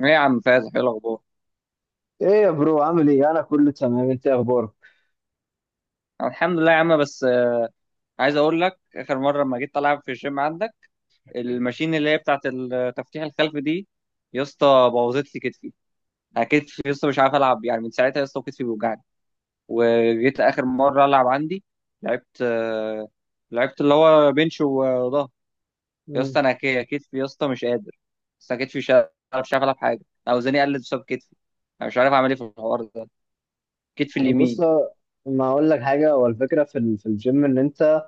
ايه يا عم فايز، ايه الاخبار؟ ايه يا برو عامل ايه؟ انا كله تمام، انت إيه اخبارك؟ الحمد لله يا عم. بس عايز اقول لك، اخر مره لما جيت العب في الجيم عندك الماشين اللي هي بتاعه التفتيح الخلفي دي، يا اسطى بوظت لي كتفي. أنا كتفي يا اسطى مش عارف العب يعني، من ساعتها يا اسطى كتفي بيوجعني. وجيت اخر مره العب عندي، لعبت لعبت اللي هو بنش وظهر. يا مم. اسطى انا كتفي يا اسطى مش قادر. بس انا كتفي مش عارف العب حاجه، اوزاني قلت بسبب كتفي. انا مش عارف اعمل ايه في الحوار ده، كتفي بص، اليمين. ما اقول لك حاجه. هو الفكره في في الجيم ان انت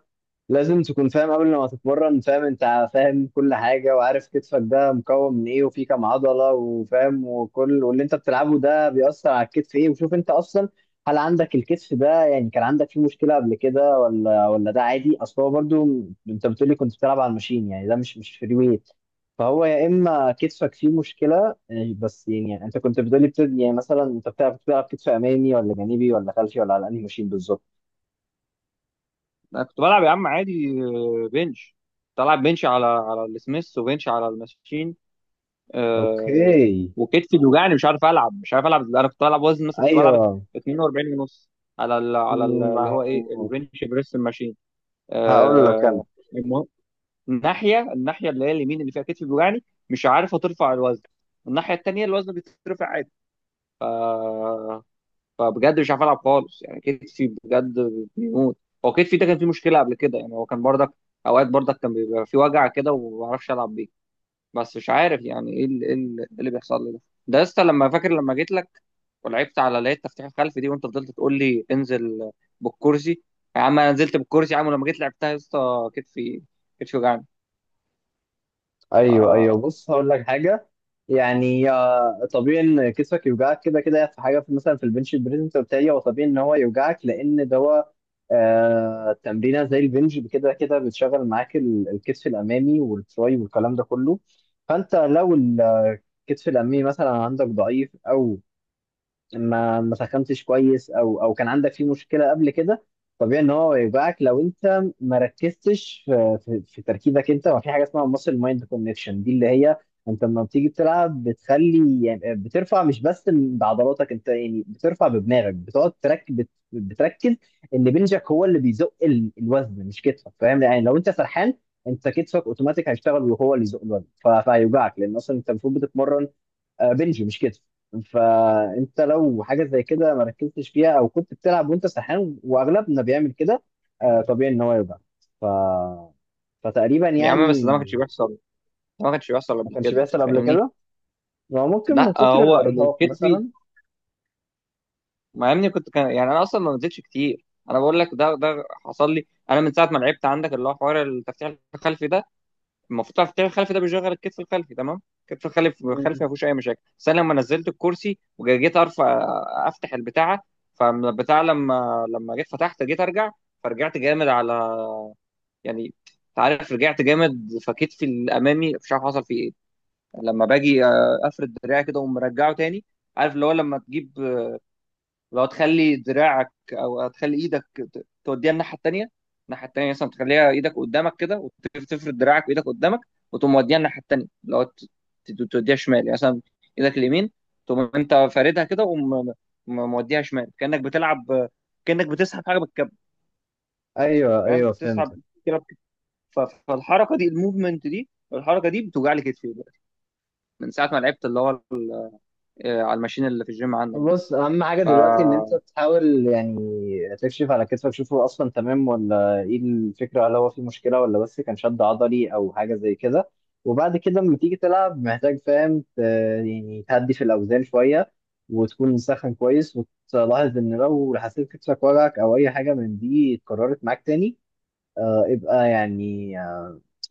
لازم تكون فاهم قبل ما تتمرن، فاهم؟ انت فاهم كل حاجة، وعارف كتفك ده مكون من ايه وفيه كام عضلة، وفاهم وكل واللي انت بتلعبه ده بيأثر على الكتف ايه. وشوف انت اصلا هل عندك الكتف ده، يعني كان عندك فيه مشكلة قبل كده ولا ده عادي؟ اصل هو برضو انت بتقولي كنت بتلعب على الماشين، يعني ده مش فري ويت. فهو يا اما كتفك فيه مشكلة، بس يعني انت كنت بتقولي يعني مثلا انت بتلعب كتف امامي ولا جانبي ولا خلفي، ولا على انهي ماشين بالظبط؟ انا كنت بلعب يا عم عادي، بنش. كنت العب بنش على السميث وبنش على الماشين. آه. اوكي. وكتفي بيوجعني، مش عارف العب انا. كنت بلعب وزن مثلا، كنت بلعب ايوه. 42 ونص على ال ما اللي هو ايه، هو البنش بريس الماشين. هقول لك انا. آه. المهم، الناحيه اللي هي اليمين اللي فيها كتفي بيوجعني مش عارف ترفع الوزن. الناحيه التانيه الوزن بيترفع عادي. فبجد مش عارف العب خالص يعني، كتفي بجد بيموت. هو كتفي ده كان فيه مشكله قبل كده يعني، هو كان برضك اوقات برضك كان بيبقى فيه وجع كده وما بعرفش العب بيه. بس مش عارف يعني ايه اللي, إيه اللي إيه اللي بيحصل لي ده. ده لسه لما فاكر لما جيت لك ولعبت على اللي هي التفتيح الخلفي دي، وانت فضلت تقول لي انزل بالكرسي. يا عم انا نزلت بالكرسي يا عم، ولما جيت لعبتها يا اسطى كتفي، كتفي وجعني. ف... ايوه ايوه، بص هقول لك حاجه. يعني طبيعي ان كتفك يوجعك، كده كده في حاجه في مثلا في البنش بريس. انت قلت لي هو طبيعي ان هو يوجعك لان ده هو تمرينه زي البنج، كده كده بتشغل معاك الكتف الامامي والتراي والكلام ده كله. فانت لو الكتف الامامي مثلا عندك ضعيف او ما سخنتش كويس او كان عندك فيه مشكله قبل كده، طبيعي ان هو يوجعك. لو انت ما ركزتش في تركيزك انت، وفي حاجه اسمها ماسل مايند كونكشن، دي اللي هي انت لما بتيجي تلعب بتخلي، يعني بترفع مش بس بعضلاتك، انت يعني بترفع بدماغك، بتقعد تركز، بتركز ان بنجك هو اللي بيزق الوزن، مش كتفك، فاهم؟ يعني لو انت سرحان، انت كتفك اوتوماتيك هيشتغل وهو اللي يزق الوزن، فهيوجعك لان اصلا انت المفروض بتتمرن بنج مش كتف. فانت لو حاجه زي كده ما ركزتش فيها، او كنت بتلعب وانت سرحان، واغلبنا بيعمل كده، طبيعي ان هو يوجع. ف... فتقريبا يا عم بس يعني ده ما كانش بيحصل. ما كانش بيحصل ما قبل كانش كده، بيحصل قبل فاهمني؟ كده، هو ممكن لا من كتر هو الارهاق الكتف، مثلا. مع اني كنت كان يعني، انا اصلا ما نزلتش كتير. انا بقول لك ده، ده حصل لي انا من ساعه ما لعبت عندك اللي هو حوار التفتيح الخلفي ده. المفروض التفتيح الخلفي ده بيشغل الكتف الخلفي، تمام، الكتف الخلفي ما مم. فيهوش اي مشاكل. بس انا لما نزلت الكرسي وجيت ارفع، افتح البتاعه، فالبتاع لما جيت فتحت جيت ارجع، فرجعت جامد على يعني، انت عارف، رجعت جامد، فكتفي الامامي مش عارف حصل فيه ايه. لما باجي افرد دراعي كده ومرجعه تاني، عارف اللي هو لما تجيب، لو تخلي دراعك او تخلي ايدك توديها الناحيه التانيه. الناحيه التانيه مثلا، تخليها ايدك قدامك كده وتفرد دراعك وايدك قدامك، وتقوم موديها الناحيه التانيه، لو توديها شمال يعني مثلا. ايدك اليمين تقوم انت فاردها كده وموديها شمال، كانك بتلعب، كانك بتسحب حاجه بالكب، ايوه فاهم؟ ايوه فهمت. بتسحب كده ف- فالحركه دي، الموفمنت دي، الحركه دي بتوجع لي كتفي دلوقتي، من ساعه ما لعبت اللي هو على الماشين اللي في الجيم عندك دي. بص، اهم حاجه ف- دلوقتي ان انت تحاول يعني تكشف على كتفك، شوف هو اصلا تمام ولا ايه الفكره، هل هو في مشكله ولا بس كان شد عضلي او حاجه زي كده. وبعد كده لما تيجي تلعب محتاج فاهم يعني تهدي في الاوزان شويه، وتكون مسخن كويس، وتلاحظ ان لو حسيت كتفك وجعك او اي حاجه من دي اتكررت معاك تاني، ابقى يعني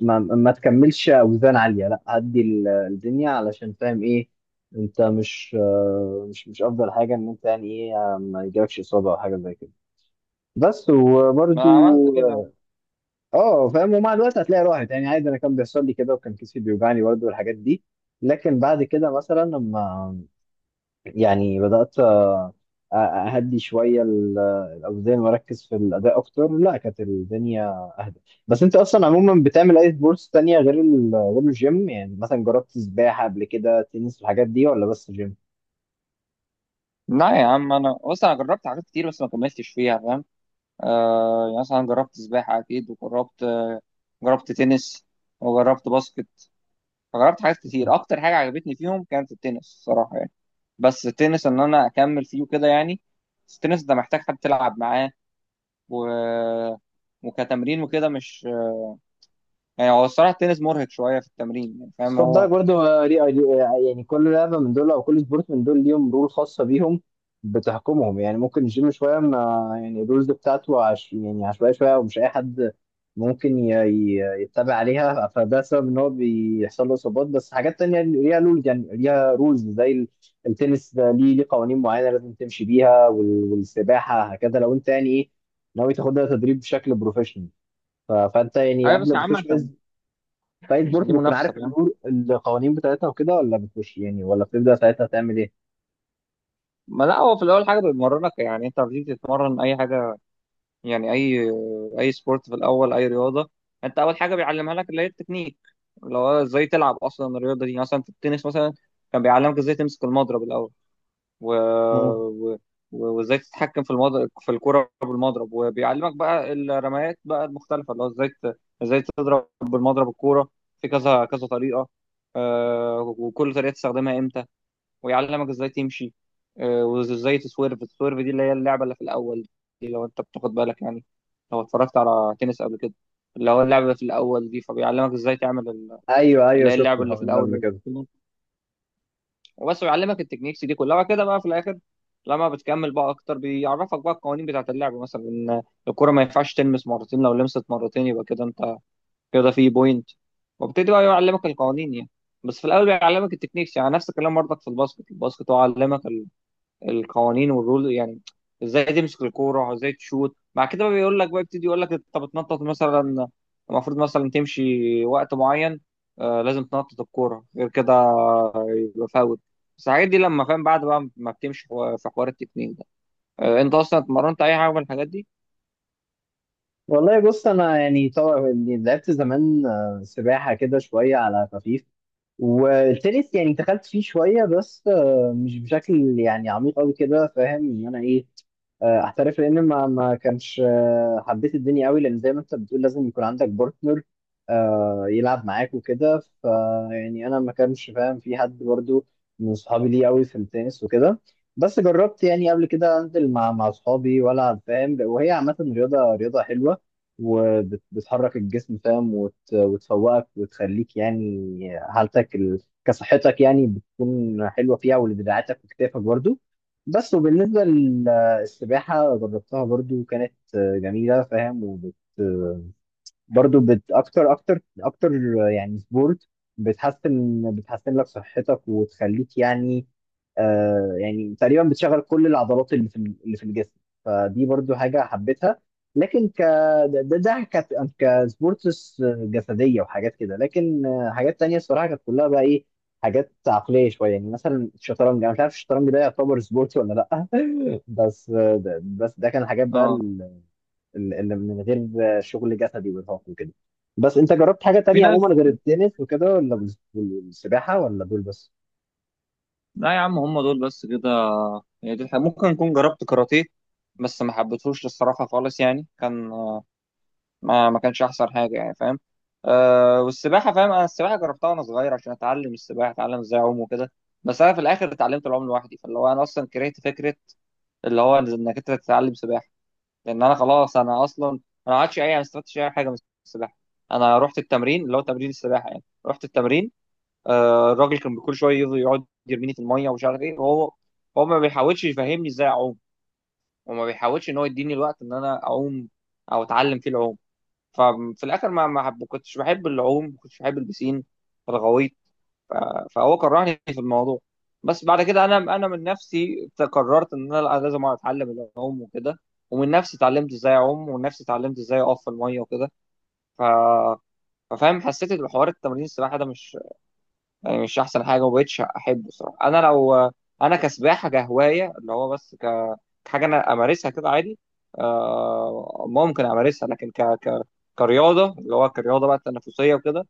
ما تكملش اوزان عاليه، لا هدي الدنيا، علشان فاهم ايه، انت مش مش افضل حاجه ان انت يعني ايه ما يجيلكش اصابه او حاجه زي كده، بس. ما وبرده انا عملت كده. اه فاهم، ومع الوقت هتلاقي راحت، يعني عادي، انا كان بيحصل لي كده وكان كتفي بيوجعني برده والحاجات دي، لكن بعد كده مثلا لما يعني بدأت أهدي شوية الأوزان وأركز في الأداء أكتر، لا كانت الدنيا أهدى. بس أنت أصلا عموما بتعمل أي سبورتس تانية غير غير الجيم؟ يعني مثلا جربت سباحة قبل كده، تنس، الحاجات دي، ولا بس جيم؟ لا يا عم، انا بص، انا جربت حاجات كتير بس ما كملتش فيها فاهم. آه، يعني مثلا جربت سباحه اكيد، وجربت آه، جربت تنس، وجربت باسكت. فجربت حاجات كتير، اكتر حاجه عجبتني فيهم كانت التنس الصراحه يعني. بس التنس، ان انا اكمل فيه وكده يعني، بس التنس ده محتاج حد تلعب معاه و... وكتمرين وكده مش يعني، هو الصراحه التنس مرهق شويه في التمرين يعني، بس فاهم خد هو؟ بالك برضه يعني كل لعبه من دول او كل سبورت من دول ليهم رول خاصه بيهم بتحكمهم. يعني ممكن الجيم شويه ما يعني الرولز بتاعته عش يعني عشوائيه شويه، ومش اي حد ممكن يتبع عليها، فده سبب ان هو بيحصل له اصابات. بس حاجات تانية ليها رولز، يعني ليها رولز زي التنس ده ليه قوانين معينه لازم تمشي بيها، والسباحه هكذا. لو انت يعني ايه ناوي تاخدها تدريب بشكل بروفيشنال، فانت يعني ايوه قبل بس ما يا عم، تخش فايت عشان بورت دي بتكون منافسه عارف يعني. القوانين بتاعتها وكده، ولا بتخش يعني ولا بتبدأ ساعتها تعمل ايه؟ ما لا، هو في الاول حاجه بتمرنك، يعني انت لما بتيجي تتمرن اي حاجه، يعني اي اي سبورت في الاول، اي رياضه، انت اول حاجه بيعلمها لك اللي هي التكنيك، اللي هو ازاي تلعب اصلا الرياضه دي. يعني مثلا في التنس مثلا كان بيعلمك ازاي تمسك المضرب الاول، و... مم. و... وازاي تتحكم في المضرب، في الكره بالمضرب، وبيعلمك بقى الرميات بقى المختلفه، اللي هو ازاي تضرب بالمضرب الكوره في كذا كذا طريقه. وكل طريقه تستخدمها امتى، ويعلمك ازاي تمشي، وازاي تسويرف، السويرف دي اللي هي اللعبه اللي في الاول دي، لو انت بتاخد بالك يعني، لو اتفرجت على تنس قبل كده، اللي هو اللعبه في الاول دي، فبيعلمك ازاي تعمل ايوه ايوه اللي هي شفت اللعبه اللي في الحوار ده الاول قبل اللي في كده. التنس. وبس بيعلمك التكنيكس دي كلها، وبعد كده بقى في الاخر لما بتكمل بقى اكتر، بيعرفك بقى القوانين بتاعه اللعبه، مثلا ان الكره ما ينفعش تلمس مرتين، لو لمست مرتين يبقى كده انت كده في بوينت. وابتدي بقى يعلمك القوانين يعني، بس في الاول بيعلمك التكنيكس. يعني نفس الكلام برضك في الباسكت، هو علمك القوانين والرول يعني، ازاي تمسك الكوره، ازاي تشوت، مع كده بقى بيقول لك بقى، يبتدي يقول لك انت بتنطط مثلا، المفروض مثلا تمشي وقت معين، آه، لازم تنطط الكوره، غير كده يبقى فاول. بس الحاجات دي لما فاهم بعد بقى ما بتمشي في حوار التكنيك ده. آه، انت اصلا اتمرنت اي حاجه من الحاجات دي؟ والله بص انا يعني طبعا يعني لعبت زمان سباحه كده شويه على خفيف، والتنس يعني دخلت فيه شويه بس مش بشكل يعني عميق قوي كده، فاهم ان انا ايه احترف، لان ما كانش حبيت الدنيا قوي، لان زي ما انت بتقول لازم يكون عندك بارتنر يلعب معاك وكده. ف يعني انا ما كانش فاهم في حد برضو من صحابي ليه قوي في التنس وكده، بس جربت يعني قبل كده انزل مع صحابي والعب، فاهم؟ وهي عامه رياضه، حلوه وبتحرك الجسم، فاهم؟ وتفوقك وتخليك يعني كصحتك يعني بتكون حلوه فيها، ولدراعاتك وكتافك برضو. بس وبالنسبة السباحة، جربتها برضو، كانت جميلة فاهم، وبت آه، برضو أكتر أكتر أكتر يعني سبورت بتحسن، بتحسن لك صحتك وتخليك يعني يعني تقريبا بتشغل كل العضلات اللي في الجسم. فدي برضو حاجة حبيتها. لكن ك ده كانت كسبورتس جسدية وحاجات كده، لكن حاجات تانية الصراحة كانت كلها بقى إيه، حاجات عقلية شوية، يعني مثلا الشطرنج، أنا مش عارف الشطرنج ده يعتبر سبورت ولا لأ، بس ده كان حاجات بقى اه. اللي من غير شغل جسدي وارهاق وكده. بس انت جربت حاجة في تانية ناس عموما غير التنس وكده، ولا والسباحة، ولا دول بس؟ لا يا عم، هم دول بس كده، يعني دي الحاجة. ممكن اكون جربت كاراتيه بس ما حبيتهوش الصراحه خالص يعني، كان ما كانش احسن حاجه يعني فاهم. أه، والسباحه فاهم، انا السباحه جربتها وانا صغير عشان اتعلم السباحه، اتعلم ازاي اعوم وكده. بس انا في الاخر اتعلمت العوم لوحدي، فاللي هو انا اصلا كرهت فكره اللي هو انك انت تتعلم سباحه. لان انا خلاص، انا اصلا انا ما عادش اي، ما استفدتش اي حاجه من السباحه. انا رحت التمرين اللي هو تمرين السباحه، يعني رحت التمرين، أه، الراجل كان كل شويه يفضل يقعد يرميني في الميه ومش عارف ايه، وهو ما بيحاولش يفهمني ازاي اعوم، وما بيحاولش ان هو يديني الوقت ان انا اعوم او اتعلم فيه العوم. ففي الاخر ما ما حب- كنتش بحب العوم، ما كنتش بحب البسين فغويت. ف- فهو كرهني في الموضوع. بس بعد كده انا، من نفسي قررت ان انا لأ، لازم اتعلم العوم وكده. ومن نفسي اتعلمت ازاي اعوم، ومن نفسي اتعلمت ازاي اقف في الميه وكده. ف ففاهم، حسيت ان حوار التمرين السباحه ده مش يعني مش احسن حاجه، ومبقتش احبه الصراحه. انا لو انا كسباحه كهوايه، اللي هو بس كحاجه انا امارسها كده عادي، ممكن امارسها، لكن كرياضه، اللي هو كرياضه بقى تنافسيه وكده،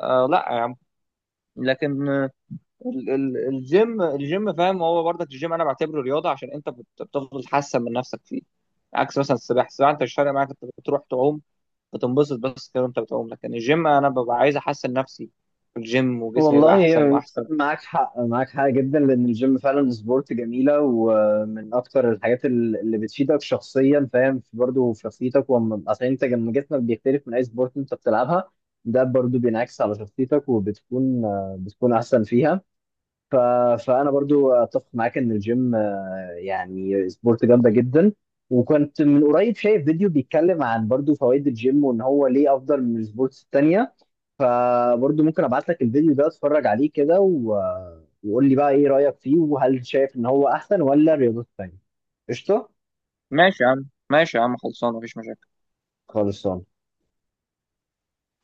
آه لا يا عم. لكن الجيم، فاهم هو برضك الجيم انا بعتبره رياضه، عشان انت بتفضل تحسن من نفسك فيه، عكس مثلا السباحه. انت مش فارق معاك، انت بتروح تعوم بتنبسط بس كده وانت بتعوم، لكن الجيم انا ببقى عايز احسن نفسي في الجيم، وجسمي يبقى احسن والله واحسن. معاك حق، معاك حق جدا، لان الجيم فعلا سبورت جميله ومن اكتر الحاجات اللي بتفيدك شخصيا، فاهم؟ برضه في شخصيتك، اصل انت لما جسمك بيختلف من اي سبورت انت بتلعبها، ده برضه بينعكس على شخصيتك وبتكون بتكون احسن فيها. ف... فانا برضو اتفق معاك ان الجيم يعني سبورت جامده جدا. وكنت من قريب شايف فيديو بيتكلم عن برضو فوائد الجيم وان هو ليه افضل من السبورتس التانية، فبرضو ممكن ابعت لك الفيديو ده اتفرج عليه كده، وقول لي بقى ايه رايك فيه، وهل شايف ان هو احسن ولا الرياضات التانية. قشطه. ماشي يا عم، ماشي يا عم، خلصانه، مفيش مشاكل. خلصان.